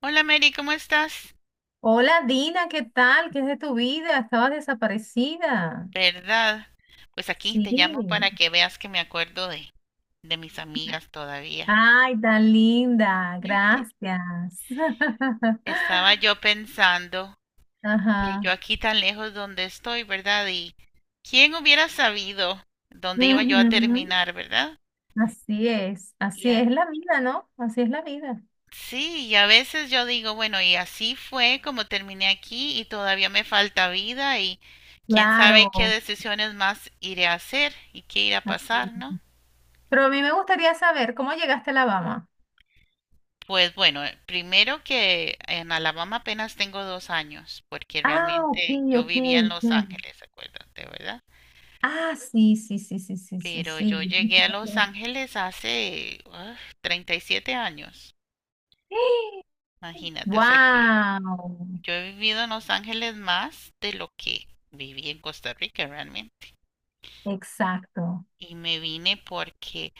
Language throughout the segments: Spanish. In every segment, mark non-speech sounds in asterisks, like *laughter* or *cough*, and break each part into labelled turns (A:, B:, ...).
A: Hola Mary, ¿cómo estás?
B: Hola Dina, ¿qué tal? ¿Qué es de tu vida? Estabas desaparecida.
A: ¿Verdad? Pues aquí
B: Sí.
A: te llamo para que veas que me acuerdo de mis amigas todavía.
B: Ay, tan linda.
A: *laughs*
B: Gracias. *laughs*
A: Estaba yo pensando que yo
B: Ajá.
A: aquí tan lejos donde estoy, ¿verdad? Y quién hubiera sabido dónde iba yo a
B: Ujú.
A: terminar, ¿verdad?
B: Así es.
A: Y
B: Así
A: a-
B: es la vida, ¿no? Así es la vida.
A: sí, y a veces yo digo, bueno, y así fue como terminé aquí y todavía me falta vida y quién sabe qué
B: Claro,
A: decisiones más iré a hacer y qué irá a pasar,
B: así.
A: ¿no?
B: Pero a mí me gustaría saber cómo llegaste a Alabama.
A: Pues bueno, primero que en Alabama apenas tengo dos años, porque
B: Ah, ok,
A: realmente yo
B: ok,
A: vivía en Los
B: ok.
A: Ángeles, acuérdate, ¿verdad?
B: Ah, sí, sí, sí, sí, sí, sí,
A: Pero
B: sí.
A: yo
B: *gasps* Yo
A: llegué a
B: pensaba que
A: Los
B: era-
A: Ángeles hace 37 años,
B: ¡Eh!
A: imagínate, o sea que
B: Wow,
A: yo he vivido en Los Ángeles más de lo que viví en Costa Rica realmente.
B: exacto.
A: Y me vine porque,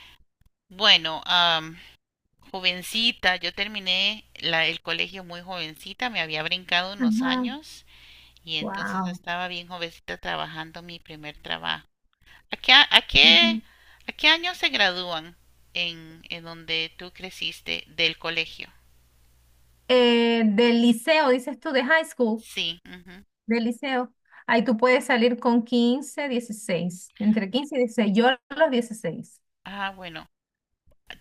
A: bueno, jovencita, yo terminé el colegio muy jovencita, me había brincado unos
B: Ajá.
A: años. Y entonces
B: Wow.
A: estaba bien jovencita trabajando mi primer trabajo. ¿A qué, a qué,
B: Ujú.
A: a qué año se gradúan en donde tú creciste del colegio?
B: Del liceo, dices tú, de high school,
A: Sí, ujú.
B: del liceo. Ahí tú puedes salir con 15, 16, entre 15 y 16. Yo a los 16.
A: Ah, bueno.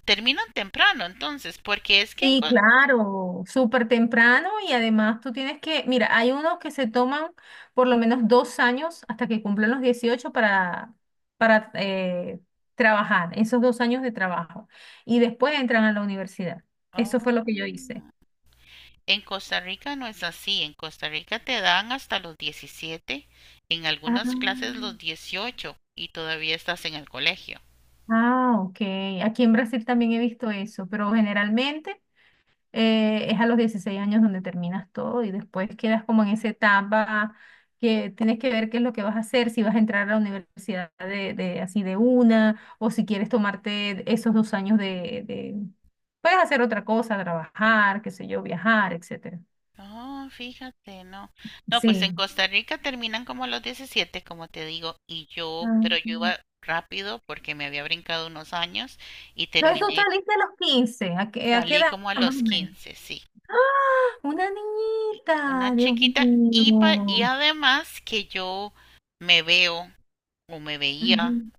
A: Terminan temprano entonces, porque es que en,
B: Sí, claro, súper temprano y además tú tienes que, mira, hay unos que se toman por lo menos 2 años hasta que cumplen los 18 para, para eh, trabajar, esos 2 años de trabajo. Y después entran a la universidad. Eso
A: Oh.
B: fue lo que yo hice.
A: En Costa Rica no es así. En Costa Rica te dan hasta los 17, en
B: Ah.
A: algunas clases los 18, y todavía estás en el colegio.
B: Ah, ok. Aquí en Brasil también he visto eso, pero generalmente es a los 16 años donde terminas todo y después quedas como en esa etapa que tienes que ver qué es lo que vas a hacer, si vas a entrar a la universidad así de una o si quieres tomarte esos 2 años. Puedes hacer otra cosa, trabajar, qué sé yo, viajar, etcétera.
A: No, fíjate, no. No, pues en
B: Sí.
A: Costa Rica terminan como a los 17 como te digo, y yo,
B: Ah,
A: pero yo
B: ok.
A: iba rápido porque me había brincado unos años y
B: ¿Entonces tú
A: terminé,
B: saliste a los 15? ¿A qué
A: salí
B: edad
A: como a
B: más
A: los
B: o menos?
A: 15, sí,
B: ¡Ah! Una niñita,
A: una
B: Dios
A: chiquita y, y
B: mío.
A: además que yo me veo o me veía
B: Ujú,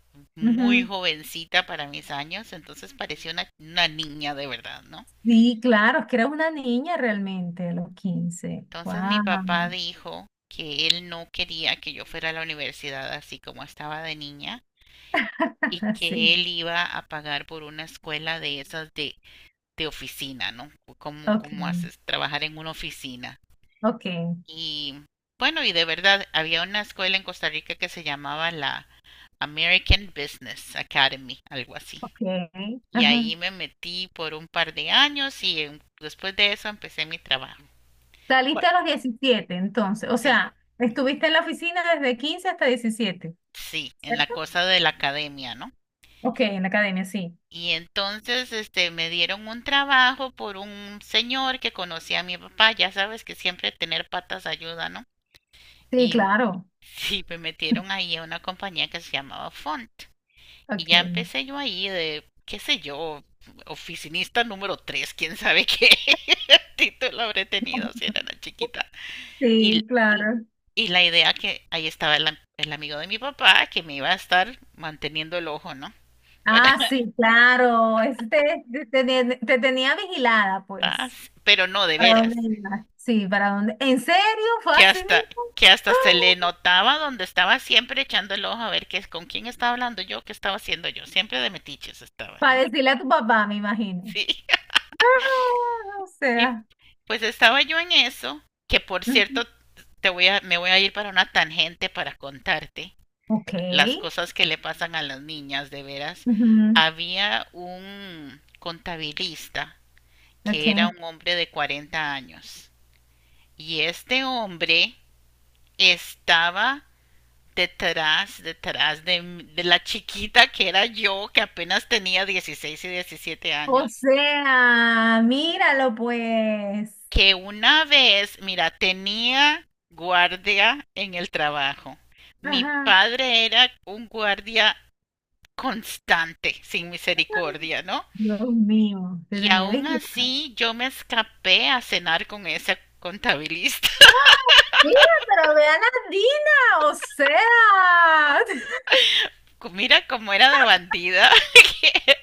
B: ujú.
A: muy jovencita para mis años, entonces parecía una niña de verdad, ¿no?
B: Sí, claro, es que era una niña realmente a los 15.
A: Entonces mi papá
B: Wow.
A: dijo que él no quería que yo fuera a la universidad así como estaba de niña, y
B: *laughs*
A: que
B: Sí,
A: él iba a pagar por una escuela de esas de oficina, ¿no? ¿Cómo,
B: ok,
A: cómo haces trabajar en una oficina?
B: ok,
A: Y bueno, y de verdad, había una escuela en Costa Rica que se llamaba la American Business Academy, algo así.
B: ok.
A: Y
B: Ajá.
A: ahí me metí por un par de años y después de eso empecé mi trabajo.
B: Saliste
A: Bueno.
B: a los 17, entonces, o
A: Sí,
B: sea,
A: ujú.
B: estuviste en la oficina desde 15 hasta 17.
A: Sí, en la
B: ¿Cierto?
A: cosa de la academia, ¿no?
B: Ok, en la academia, sí.
A: Y entonces, este, me dieron un trabajo por un señor que conocía a mi papá, ya sabes que siempre tener patas ayuda, ¿no?
B: Sí,
A: Y
B: claro.
A: *laughs* sí, me metieron
B: *laughs*
A: ahí a una compañía que se llamaba Font. Y
B: Ok.
A: ya empecé yo ahí de, qué sé yo, oficinista número tres, quién sabe qué *laughs* título habré tenido si era
B: *laughs*
A: una chiquita. Y,
B: Sí,
A: y,
B: claro.
A: y la idea que ahí estaba el amigo de mi papá que me iba a estar manteniendo el ojo, ¿no? Para,
B: Ah, sí, claro. Este, te tenía vigilada, pues.
A: *laughs* pero no de
B: ¿Para dónde
A: veras.
B: ibas? Sí, ¿para dónde? ¿En serio? ¿Fue
A: Que
B: así
A: hasta,
B: mismo?
A: que
B: *gasps*
A: hasta se le
B: ¡Ah!
A: notaba donde estaba siempre echando el ojo a ver qué es con quién estaba hablando yo, qué estaba haciendo yo, siempre de metiches estaba, ¿no?
B: Para decirle a tu papá, me imagino.
A: Sí. *laughs*
B: Ah, o
A: Y
B: sea.
A: pues estaba yo en eso, que por
B: Ujú.
A: cierto te voy a me voy a ir para una tangente para contarte
B: Ok.
A: las cosas que le pasan a las niñas de veras.
B: Ujú,
A: Había un contabilista que era
B: ok.
A: un hombre de 40 años y este hombre estaba detrás de la chiquita que era yo, que apenas tenía 16 y 17
B: O
A: años,
B: sea, míralo, pues.
A: que una vez, mira, tenía guardia en el trabajo. Mi
B: Ajá.
A: padre era un guardia constante, sin misericordia, ¿no?
B: Dios mío, te
A: Y
B: tenía
A: aún
B: vigilada.
A: así yo me escapé a cenar con esa contabilista.
B: Mira, pero vean a Dina, o sea. *laughs*
A: *laughs* Mira cómo era de bandida. *laughs* que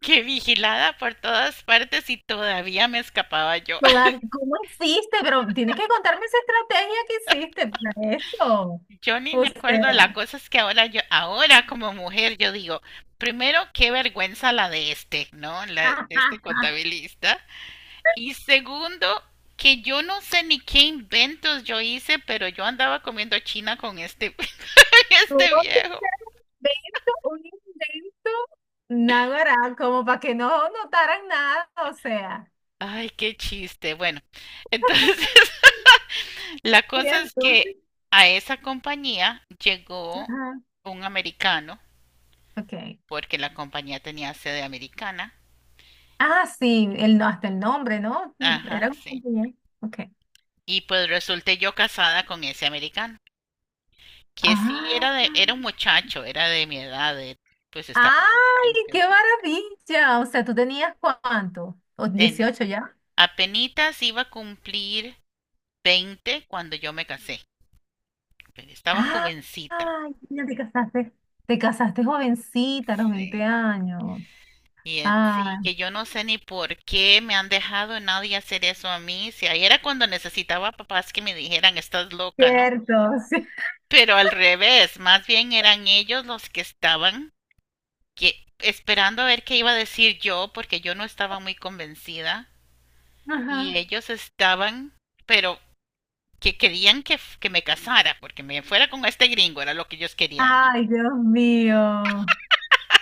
A: que vigilada por todas partes y todavía me escapaba yo.
B: ¿Cómo hiciste? Pero tienes que contarme esa estrategia que hiciste para eso.
A: Yo ni me
B: O
A: acuerdo, la
B: sea,
A: cosa es que ahora yo, ahora como mujer, yo digo, primero, qué vergüenza la de este, ¿no? La de
B: ajá,
A: este contabilista. Y segundo, que yo no sé ni qué inventos yo hice, pero yo andaba comiendo china con este, *laughs*
B: tuvo
A: este
B: que
A: viejo.
B: ser un invento, náguara, como para que no notaran nada, o sea.
A: Ay, qué chiste. Bueno, entonces, *laughs* la
B: Y
A: cosa es que
B: entonces,
A: a esa compañía llegó
B: ajá,
A: un americano,
B: ok.
A: porque la compañía tenía sede americana.
B: Ah, sí, el, no- hasta el nombre, ¿no? Era
A: Ajá,
B: un
A: sí.
B: compañero. Ok.
A: Y pues resulté yo casada con ese americano, que sí
B: Ah,
A: era de, era un muchacho, era de mi edad, pues estaba en sus
B: ¡ay,
A: 20,
B: qué
A: ¿no?
B: maravilla! O sea, ¿tú tenías cuánto? ¿O
A: Ten-
B: 18 ya?
A: Apenitas iba a cumplir 20 cuando yo me casé. Pero estaba
B: Ah,
A: jovencita,
B: ay, mira, te casaste. Te casaste jovencita, a los
A: sí.
B: 20 años.
A: Y sí,
B: Ah,
A: que yo no sé ni por qué me han dejado nadie hacer eso a mí. Si ahí era cuando necesitaba papás que me dijeran, estás loca, ¿no?
B: cierto. *laughs* Sí.
A: Pero al revés, más bien eran ellos los que estaban esperando a ver qué iba a decir yo, porque yo no estaba muy convencida
B: Ajá.
A: y ellos estaban, pero que querían que, que me casara, porque me fuera con este gringo, era lo que ellos querían, ¿no?
B: Ay, Dios mío.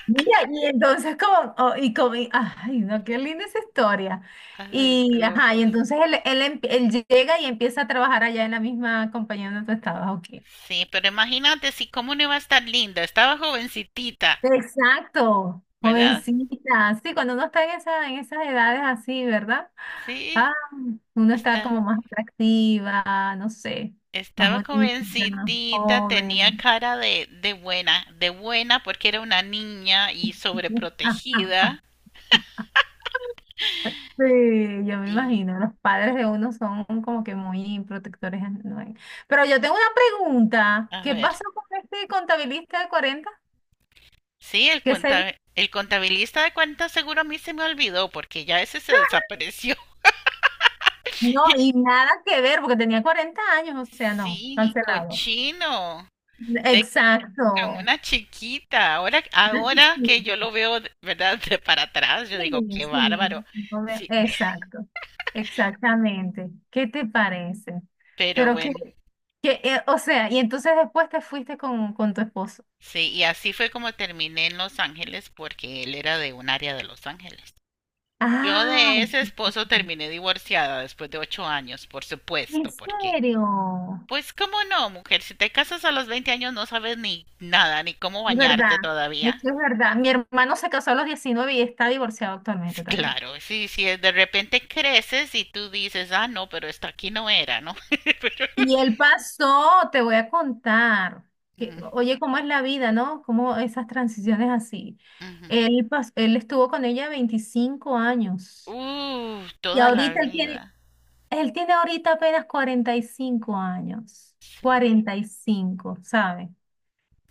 B: Mira, y entonces como, oh, y como, ay, no, qué linda esa historia.
A: Ay, de
B: Y, ajá, y
A: locos.
B: entonces él, em- él llega y empieza a trabajar allá en la misma compañía donde tú estabas, ok.
A: Sí, pero imagínate si cómo no iba a estar linda, estaba jovencitita,
B: Exacto,
A: ¿verdad?
B: jovencita. Sí, cuando uno está en esas edades así, ¿verdad? Ah,
A: Sí,
B: uno está
A: está,
B: como más atractiva, no sé, más
A: estaba
B: bonita, más
A: jovencitita, tenía
B: joven.
A: cara de buena porque era una niña y
B: *laughs* Ah, ah, ah.
A: sobreprotegida.
B: Sí, yo me
A: Y,
B: imagino, los padres
A: y-
B: de uno son como que muy protectores, ¿no? Pero yo tengo una pregunta,
A: a
B: ¿qué
A: ver,
B: pasó con este contabilista de 40?
A: sí,
B: Que se...
A: el contabilista de cuentas seguro a mí se me olvidó porque ya ese se desapareció.
B: No, y
A: *laughs*
B: nada que ver, porque tenía 40 años, o sea, no,
A: Sí,
B: cancelado.
A: cochino. De con
B: Exacto.
A: una chiquita. Ahora,
B: Una
A: ahora que yo
B: chiquita.
A: lo veo, ¿verdad? De para atrás, yo digo,
B: Sí,
A: qué
B: sí,
A: bárbaro. Sí,
B: exacto, exactamente. ¿Qué te parece?
A: pero
B: Pero que,
A: bueno,
B: que eh, o sea, y entonces después te fuiste con tu esposo.
A: sí, y así fue como terminé en Los Ángeles porque él era de un área de Los Ángeles. Yo
B: Ah,
A: de ese esposo terminé divorciada después de 8 años, por
B: en
A: supuesto, porque
B: serio,
A: pues cómo no, mujer, si te casas a los 20 años no sabes ni nada, ni cómo
B: es verdad,
A: bañarte todavía.
B: esto es verdad. Mi hermano se casó a los 19 y está divorciado actualmente también.
A: Claro, sí, sí. De repente creces y tú dices, ah, no, pero esto aquí no era, ¿no? *laughs* Pero
B: Y él pasó, te voy a contar, que,
A: mm,
B: oye, cómo es la vida, ¿no? Cómo esas transiciones así.
A: ujú.
B: Él estuvo con ella 25 años. Y
A: Toda la
B: ahorita él tiene,
A: vida.
B: él tiene ahorita apenas 45 años, 45, ¿sabes?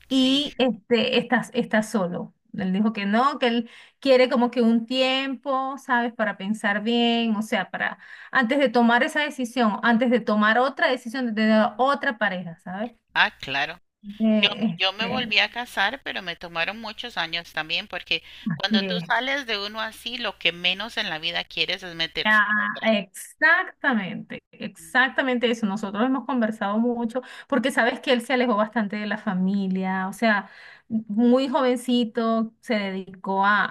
A: Sí,
B: Y este, está solo. Él dijo que no, que él quiere como que un tiempo, ¿sabes? Para pensar bien, o sea, para antes de tomar esa decisión, antes de tomar otra decisión de tener otra pareja, ¿sabes?
A: ah, claro. Yo, yo me
B: Este,
A: volví a casar, pero me tomaron muchos años también, porque cuando tú
B: sí.
A: sales de uno así, lo que menos en la vida quieres es meterse
B: Ah,
A: en otra.
B: exactamente, exactamente eso. Nosotros hemos conversado mucho porque sabes que él se alejó bastante de la familia, o sea, muy jovencito se dedicó a,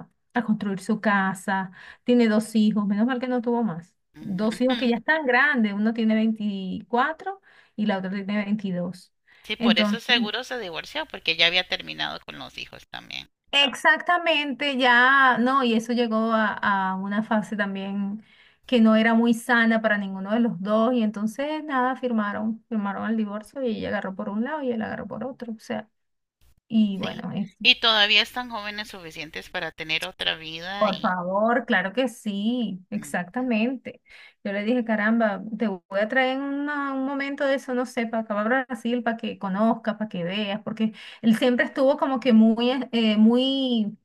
B: a, a construir su casa, tiene dos hijos, menos mal que no tuvo más. Dos hijos que ya
A: Ujú.
B: están grandes, uno tiene 24 y la otra tiene 22.
A: Sí, por eso
B: Entonces,
A: seguro se divorció, porque ya había terminado con los hijos también.
B: exactamente, ya, no, y eso llegó a una fase también que no era muy sana para ninguno de los dos, y entonces nada, firmaron el divorcio y ella agarró por un lado y él agarró por otro, o sea, y
A: Sí.
B: bueno, es,
A: Y todavía están jóvenes suficientes para tener otra vida
B: por
A: y...
B: favor, claro que sí,
A: ujú.
B: exactamente. Yo le dije, caramba, te voy a traer en un momento de eso, no sé, para acá para Brasil, para que conozcas, para que veas, porque él siempre estuvo como que muy, muy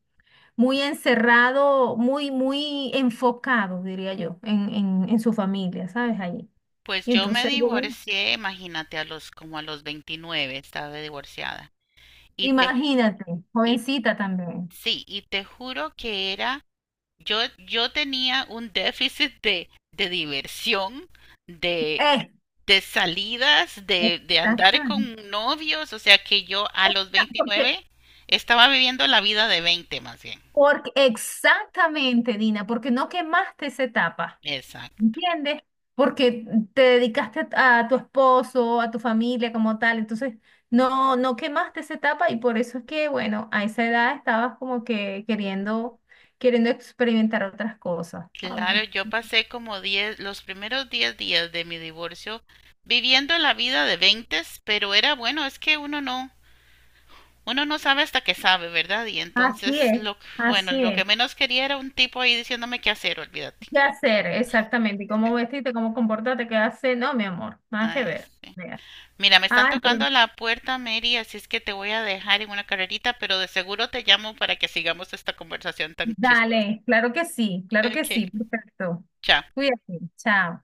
B: muy encerrado, muy, muy enfocado, diría yo, en su familia, ¿sabes? Allí.
A: Pues
B: Y
A: yo me
B: entonces, bueno,
A: divorcié, imagínate, a los, como a los 29 estaba divorciada. Y te, ju-
B: imagínate,
A: y
B: jovencita también.
A: sí, y te juro que era, yo tenía un déficit de diversión, de
B: Eh,
A: de salidas, de andar
B: Exactamente.
A: con novios, o sea que yo a los
B: *laughs* Porque,
A: 29 estaba viviendo la vida de 20 más bien.
B: exactamente, Dina, porque no quemaste esa etapa.
A: Exacto.
B: ¿Entiendes? Porque te dedicaste a tu esposo, a tu familia como tal, entonces no quemaste esa etapa y por eso es que, bueno, a esa edad estabas como que queriendo, experimentar otras cosas, ¿sabes?
A: Claro, yo pasé como diez, los primeros 10 días de mi divorcio viviendo la vida de 20, pero era bueno, es que uno no sabe hasta que sabe, ¿verdad? Y
B: Así
A: entonces,
B: es,
A: lo, bueno,
B: así
A: lo que
B: es.
A: menos quería era un tipo ahí diciéndome qué hacer, olvídate.
B: ¿Qué hacer exactamente? ¿Y cómo vestirte? ¿Cómo comportarte? ¿Qué hacer? No, mi amor, nada
A: Ah,
B: que
A: es-
B: ver. Vea.
A: Mira, me están
B: Ah,
A: tocando la puerta, Mary, así es que te voy a dejar en una carrerita, pero de seguro te llamo para que sigamos esta conversación tan chistosa.
B: dale, claro que sí,
A: Ok,
B: perfecto.
A: chao.
B: Cuídate, chao.